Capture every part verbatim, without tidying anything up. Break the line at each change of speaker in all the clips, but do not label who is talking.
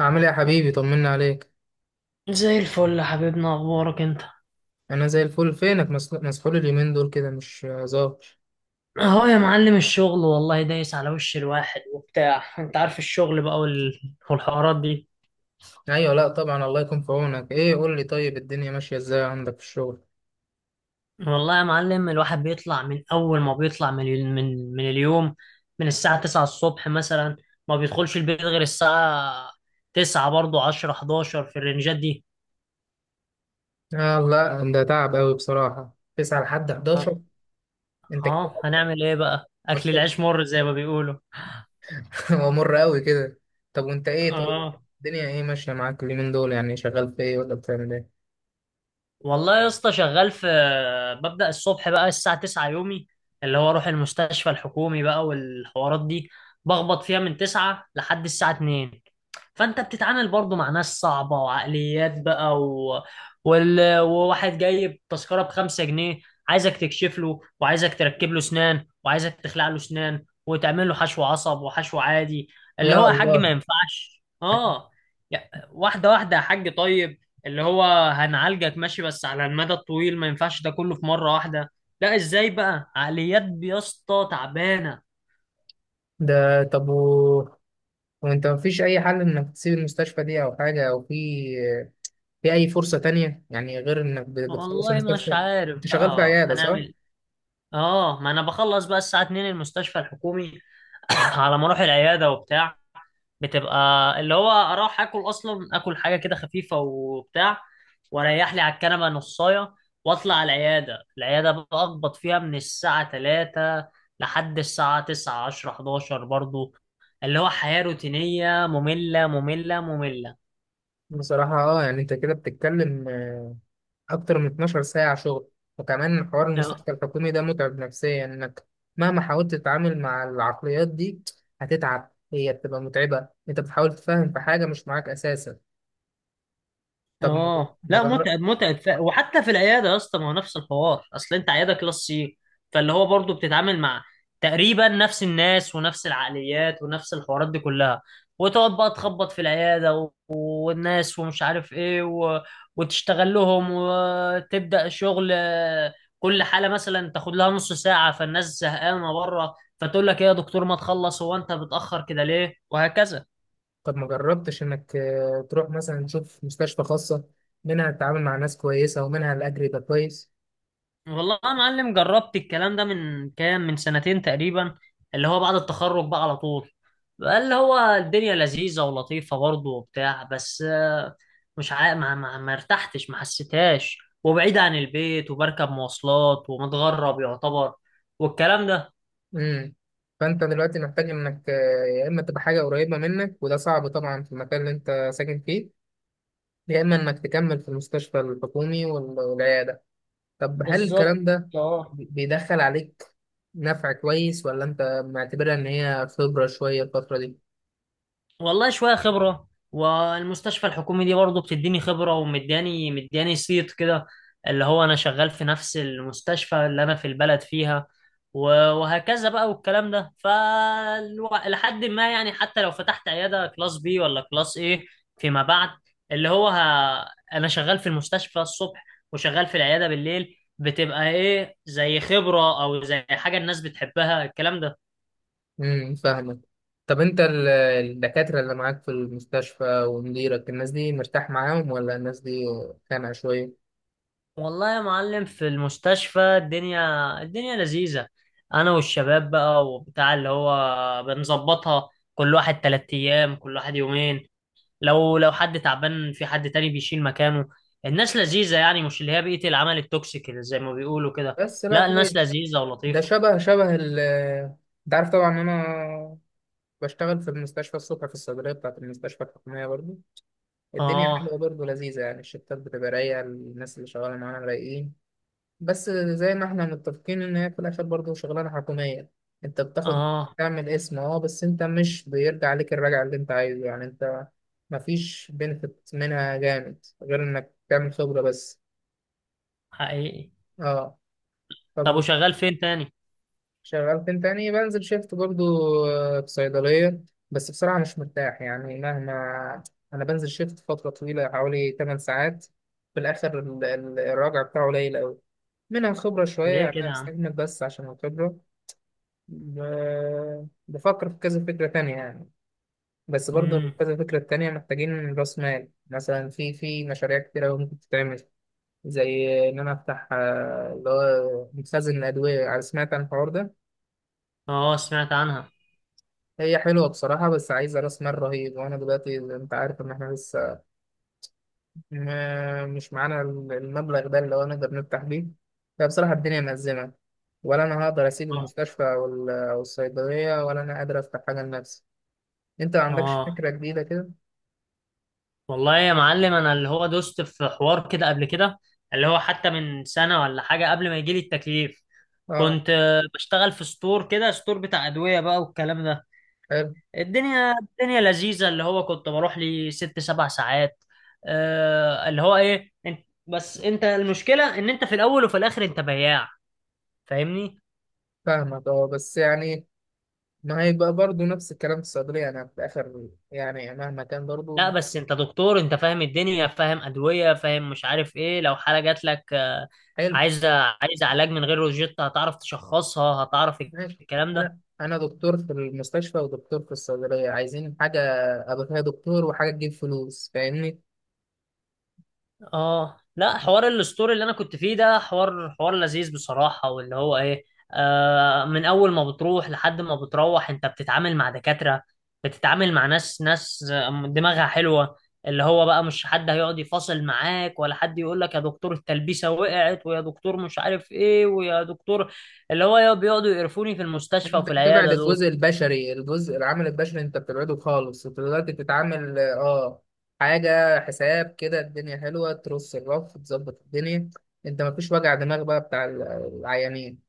عامل ايه يا حبيبي؟ طمنا عليك.
زي الفل يا حبيبنا، اخبارك انت؟
انا زي الفل. فينك؟ مس- مسحول اليومين دول كده مش ظاهر.
اهو يا معلم الشغل والله دايس على وش الواحد وبتاع، انت عارف الشغل بقى وال... والحوارات دي.
ايوه، لا طبعا، الله يكون في عونك. ايه قول لي، طيب، الدنيا ماشيه ازاي عندك في الشغل؟
والله يا معلم الواحد بيطلع، من اول ما بيطلع من ال... من من اليوم، من الساعة تسعة الصبح مثلا، ما بيدخلش البيت غير الساعة تسعة برضه، العاشرة، حداشر في الرنجات دي.
آه لا، ده تعب قوي بصراحه، تسعة لحد احد عشر انت كده.
اه، هنعمل ايه بقى، اكل العيش مر زي ما بيقولوا.
هو مر قوي كده. طب وانت ايه طيب،
اه،
الدنيا ايه ماشيه معاك اليومين دول؟ يعني شغال في ايه ولا بتعمل ايه؟
والله يا اسطى شغال في، ببدأ الصبح بقى الساعة تسعة يومي، اللي هو اروح المستشفى الحكومي بقى والحوارات دي، بخبط فيها من تسعة لحد الساعة اتنين. فانت بتتعامل برضو مع ناس صعبة وعقليات بقى و... وال... وواحد جايب تذكرة بخمسة جنيه، عايزك تكشف له وعايزك تركب له سنان وعايزك تخلع له سنان وتعمل له حشو عصب وحشو عادي. اللي
يا
هو يا حاج ما
الله.
ينفعش، اه، يا- واحدة واحدة يا حاج، طيب. اللي هو هنعالجك ماشي، بس على المدى الطويل ما ينفعش ده كله في مرة واحدة. لا ازاي بقى؟ عقليات يا اسطى تعبانة.
ده طب، و... وانت مفيش اي حل انك تسيب المستشفى دي او حاجه، او في في أي فرصة تانية يعني، غير إنك بت- بتخلص
والله مش
المستشفى؟
عارف
أنت شغال في
بقى
عيادة صح؟
هنعمل. اه، ما انا بخلص بقى الساعة اتنين المستشفى الحكومي. على ما اروح العيادة وبتاع، بتبقى اللي هو اروح اكل اصلا، اكل حاجة كده خفيفة وبتاع، واريح لي على الكنبة نصاية، واطلع على العيادة العيادة بقى اخبط فيها من الساعة الثالثة لحد الساعة تسعة، عشرة، حداشر برضو. اللي هو حياة روتينية، مملة مملة مملة.
بصراحة أه، يعني أنت كده بتتكلم، آه، أكتر من 12 ساعة شغل. وكمان حوار المستشفى الحكومي ده متعب نفسيا، إنك مهما حاولت تتعامل مع العقليات دي هتتعب. هي بتبقى متعبة، أنت بتحاول تفهم في حاجة مش معاك أساسا. طب ما
اه
ما
لا،
جر...
متعب متعب ف... وحتى في العياده يا اسطى، ما هو نفس الحوار، اصل انت عياده كلاس سي، فاللي هو برضه بتتعامل مع تقريبا نفس الناس ونفس العقليات ونفس الحوارات دي كلها، وتقعد بقى تخبط في العياده و... والناس، ومش عارف ايه، و... وتشتغل لهم، وتبدا شغل آه، كل حاله مثلا تاخد لها نص ساعه، فالناس زهقانه بره، فتقول لك ايه يا دكتور ما تخلص، هو انت بتاخر كده ليه، وهكذا.
طب ما جربتش إنك، آه، تروح مثلا تشوف مستشفى خاصة، منها تتعامل مع ناس كويسة ومنها الأجر يبقى كويس؟
والله يا معلم جربت الكلام ده من كام، من سنتين تقريبا، اللي هو بعد التخرج بقى على طول. بقى اللي هو الدنيا لذيذة ولطيفة برضه وبتاع، بس آه، مش عا... ما, ما, ما ارتحتش، ما حسيتهاش، وبعيد عن البيت، وبركب مواصلات ومتغرب يعتبر، والكلام ده.
امم فانت دلوقتي محتاج انك، آه، يا اما تبقى حاجه قريبه منك وده صعب طبعا في المكان اللي انت ساكن فيه، يا اما انك تكمل في المستشفى الحكومي وال- والعياده. طب هل
بالظبط.
الكلام ده
اه،
بي- بيدخل عليك نفع كويس، ولا انت معتبرها ان هي خبره شويه الفتره دي؟
والله شوية خبرة، والمستشفى الحكومي دي برضه بتديني خبرة، ومدياني مدياني صيت كده، اللي هو أنا شغال في نفس المستشفى اللي أنا في البلد فيها، و- وهكذا بقى والكلام ده، فلحد ما يعني حتى لو فتحت عيادة كلاس بي ولا كلاس ايه، فيما بعد، اللي هو ه... أنا شغال في المستشفى الصبح وشغال في العيادة بالليل، بتبقى ايه زي خبرة أو زي حاجة الناس بتحبها، الكلام ده.
امم فاهمك. طب انت ال- الدكاتره اللي معاك في المستشفى ومديرك، الناس دي مرتاح معاهم ولا الناس دي خانقه شويه؟
والله يا معلم في المستشفى، الدنيا الدنيا لذيذة. أنا والشباب بقى وبتاع، اللي هو بنظبطها، كل واحد تلات أيام، كل واحد يومين، لو لو حد تعبان في، حد تاني بيشيل مكانه. الناس لذيذة يعني، مش اللي هي بيئة العمل التوكسيك اللي زي ما بيقولوا كده.
بس لا،
لا،
كويس.
الناس لذيذة
ده
ولطيفة.
شبه شبه ال انت عارف طبعا، انا بشتغل في المستشفى الصبح في الصيدلية بتاعة المستشفى الحكومية برضه. الدنيا
آه،
حلوة برضه، لذيذة يعني. الشفتات بتبقى رايقة، الناس اللي شغالة معانا رايقين. بس زي ما احنا متفقين إن هي في الآخر برضه شغلانة حكومية. أنت بتاخد
آه،
تعمل اسم، اه بس أنت مش بيرجع عليك الرجع اللي أنت عايزه، يعني أنت مفيش بنفيت منها جامد غير إنك تعمل خبرة بس.
حقيقي.
اه،
طب
طب،
وشغال فين تاني؟
شغال فين تاني؟ بنزل شيفت برضو، آه، في صيدلية. بس بصراحة مش مرتاح، يعني مهما. أنا بنزل شيفت فترة طويلة حوالي 8 ساعات، في الآخر ال- ال- الراجع بتاعه قليل أوي. منها خبرة شوية
ليه
يعني، أنا
كده يا عم؟
مستحمل بس عشان الخبرة. ب- بفكر في كذا فكرة تانية يعني، بس برضو
مم.
كذا فكرة تانية محتاجين رأس مال. مثلا، في في مشاريع كتيرة أوي ممكن تتعمل. زي إن أنا أفتح، آه، اللي هو مخزن الأدوية. سمعت عن الحوار ده؟
آه، سمعت عنها.
هي حلوة بصراحة، بس عايزة رأس مال رهيب. وأنا دلوقتي أنت عارف إن إحنا لسه ما- مش معانا المبلغ ده اللي هو نقدر نفتح بيه. فبصراحة الدنيا مأزمة، ولا أنا هقدر أسيب
آه،
المستشفى أو ال- أو الصيدلية، ولا أنا قادر أفتح حاجة لنفسي. أنت ما عندكش
آه.
فكرة جديدة كده؟
والله يا معلم انا، اللي هو دوست في حوار كده قبل كده، اللي هو حتى من سنة ولا حاجة قبل ما يجيلي التكليف،
أه،
كنت آه، بشتغل في ستور كده، ستور بتاع أدوية بقى والكلام ده.
حلو،
الدنيا الدنيا لذيذة، اللي هو كنت بروح لي ست سبع ساعات. آه، اللي هو ايه، انت بس انت المشكلة ان انت في الاول وفي الاخر انت بياع، فاهمني.
فاهمك. أه بس يعني، ما هيبقى برضه نفس الكلام في الصيدلية؟ أنا في الآخر يعني مهما كان برضه.
لا بس انت دكتور، انت فاهم الدنيا، فاهم ادويه، فاهم مش عارف ايه، لو حاله جات لك آه،
حلو،
عايزه عايزه علاج من غير روجيتا، هتعرف تشخصها، هتعرف
ماشي.
الكلام ده.
انا انا دكتور في المستشفى ودكتور في الصيدليه، عايزين حاجه ابقى فيها دكتور وحاجه تجيب فلوس، فاهمني؟
اه لا، حوار الستوري اللي انا كنت فيه ده حوار حوار لذيذ بصراحة، واللي هو ايه، آه من اول ما بتروح لحد ما بتروح، انت بتتعامل مع دكاترة، بتتعامل مع ناس، ناس دماغها حلوة، اللي هو بقى مش حد هيقعد يفاصل معاك، ولا حد يقول لك يا دكتور التلبيسة وقعت، ويا دكتور مش عارف ايه، ويا دكتور، اللي هو يا- بيقعدوا يقرفوني في المستشفى
انت
وفي
بتبعد
العيادة دول.
الجزء البشري. الجزء العامل البشري انت بتبعده خالص. انت دلوقتي بتتعامل اه حاجه حساب كده، الدنيا حلوه، ترص الرف، تظبط الدنيا. انت مفيش وجع دماغ بقى بتاع ال- العيانين.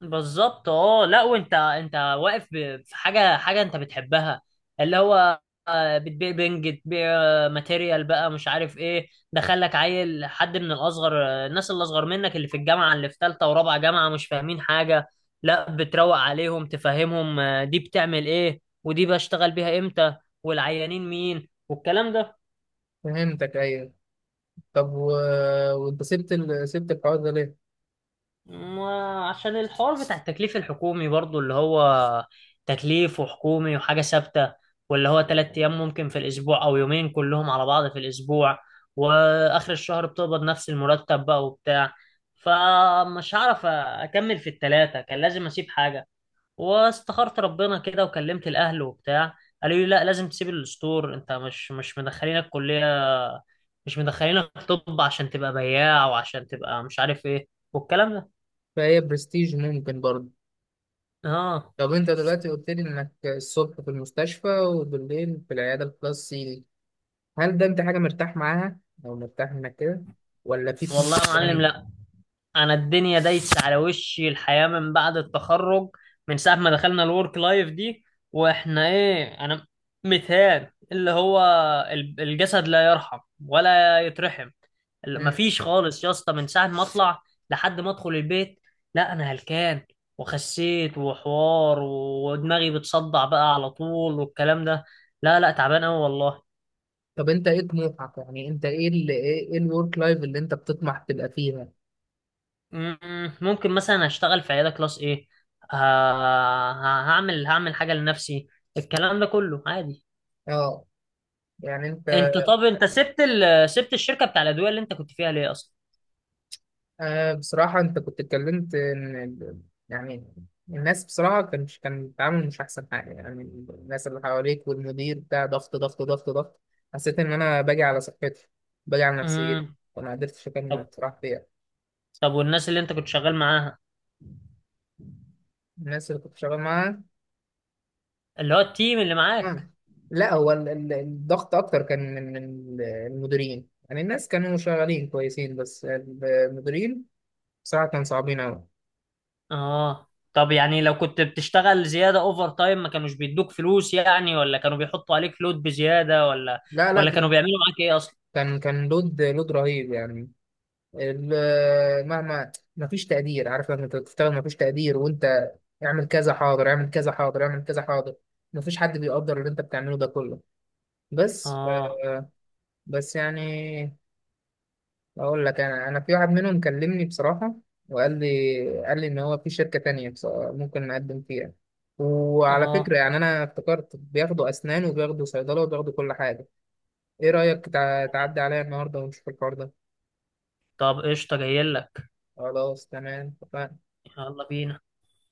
بالظبط. اه لا، وانت انت واقف ب- في حاجه حاجه انت بتحبها، اللي هو آه، بتبيع بنج، بتبيع آه، ماتيريال بقى، مش عارف ايه، دخلك عيل حد من الاصغر، آه، الناس اللي اصغر منك، اللي في الجامعه، اللي في ثالثه ورابعه جامعه، مش فاهمين حاجه، لا بتروق عليهم تفهمهم، آه، دي بتعمل ايه، ودي بشتغل بيها امتى، والعيانين مين، والكلام ده.
فهمتك، ايوه. طب و... وانت سبت ال... سبت الحوار ده ليه؟
ما عشان الحوار بتاع التكليف الحكومي برضو، اللي هو تكليف وحكومي وحاجة ثابتة، واللي هو تلات أيام ممكن في الأسبوع، أو يومين كلهم على بعض في الأسبوع، وآخر الشهر بتقبض نفس المرتب بقى وبتاع، فمش هعرف أكمل في التلاتة، كان لازم أسيب حاجة. واستخرت ربنا كده، وكلمت الأهل وبتاع، قالوا لي لا، لازم تسيب الستور، أنت مش مش مدخلينك كلية، مش مدخلينك طب عشان تبقى بياع، وعشان تبقى مش عارف إيه، والكلام ده.
فهي برستيج ممكن برضه.
اه.
طب انت دلوقتي قلت لي انك الصبح في المستشفى وبالليل في العياده الخاصة، هل ده انت حاجه مرتاح معاها، او مرتاح انك كده، ولا في طموح
والله يا معلم
يعني؟
لا، انا الدنيا دايسه على وشي، الحياه من بعد التخرج، من ساعه ما دخلنا الورك لايف دي، واحنا ايه، انا متهان، اللي هو ال- الجسد لا يرحم ولا يترحم. ال-
مم.
مفيش خالص يا اسطى، من ساعه ما اطلع لحد ما ادخل البيت، لا انا هلكان، وخسيت وحوار، ودماغي بتصدع بقى على طول والكلام ده. لا لا، تعبان قوي والله.
طب انت ايه طموحك؟ يعني انت ايه اللي، ايه الورك لايف اللي انت بتطمح تبقى فيها؟
مم، ممكن مثلا هشتغل في عيادة كلاس ايه، ه- هعمل هعمل حاجة لنفسي، الكلام ده كله عادي.
اه، يعني انت،
انت طب انت سبت ال... سبت الشركة بتاع الأدوية اللي انت كنت فيها ليه اصلا؟
آه، بصراحة أنت كنت اتكلمت إن ال- يعني الناس، بصراحة كان كان التعامل مش أحسن حاجة يعني. الناس اللي حواليك والمدير بتاع، ضغط ضغط ضغط ضغط، حسيت إن أنا باجي على صحتي، باجي على نفسيتي،
امم
وما قدرتش أكمل
طب
بصراحة فيها.
طب والناس اللي انت كنت شغال معاها،
الناس اللي كنت شغال معاها.
اللي هو التيم اللي معاك.
مم. لا هو ال- ال- الضغط أكتر كان من من المديرين، يعني الناس كانوا شغالين كويسين بس المديرين بصراحة كانوا صعبين أوي.
اه. طب يعني لو كنت بتشتغل زيادة اوفر تايم، ما كانوش بيدوك فلوس يعني، ولا كانوا بيحطوا عليك لود بزيادة، ولا
لا لا،
ولا كانوا
كان
بيعملوا معاك ايه اصلا؟
كان كان لود لود رهيب يعني. ال- مهما ما فيش تقدير، عارف؟ لما انت بتشتغل ما فيش تقدير، وانت اعمل كذا حاضر، اعمل كذا حاضر، اعمل كذا حاضر، ما فيش حد بيقدر اللي انت بتعمله ده كله. بس ف-
اه،
بس يعني، اقول لك، انا انا في واحد منهم كلمني بصراحة، وقال لي، قال لي ان هو في شركة تانية، بص- ممكن نقدم فيها. وعلى
اه.
فكرة يعني، انا افتكرت بياخدوا اسنان وبياخدوا صيدلة وبياخدوا كل حاجة. ايه رأيك تع- تعدي عليا النهاردة ونشوف الحوار ده؟
طب، قشطة، جايلك.
خلاص، تمام.
يلا بينا.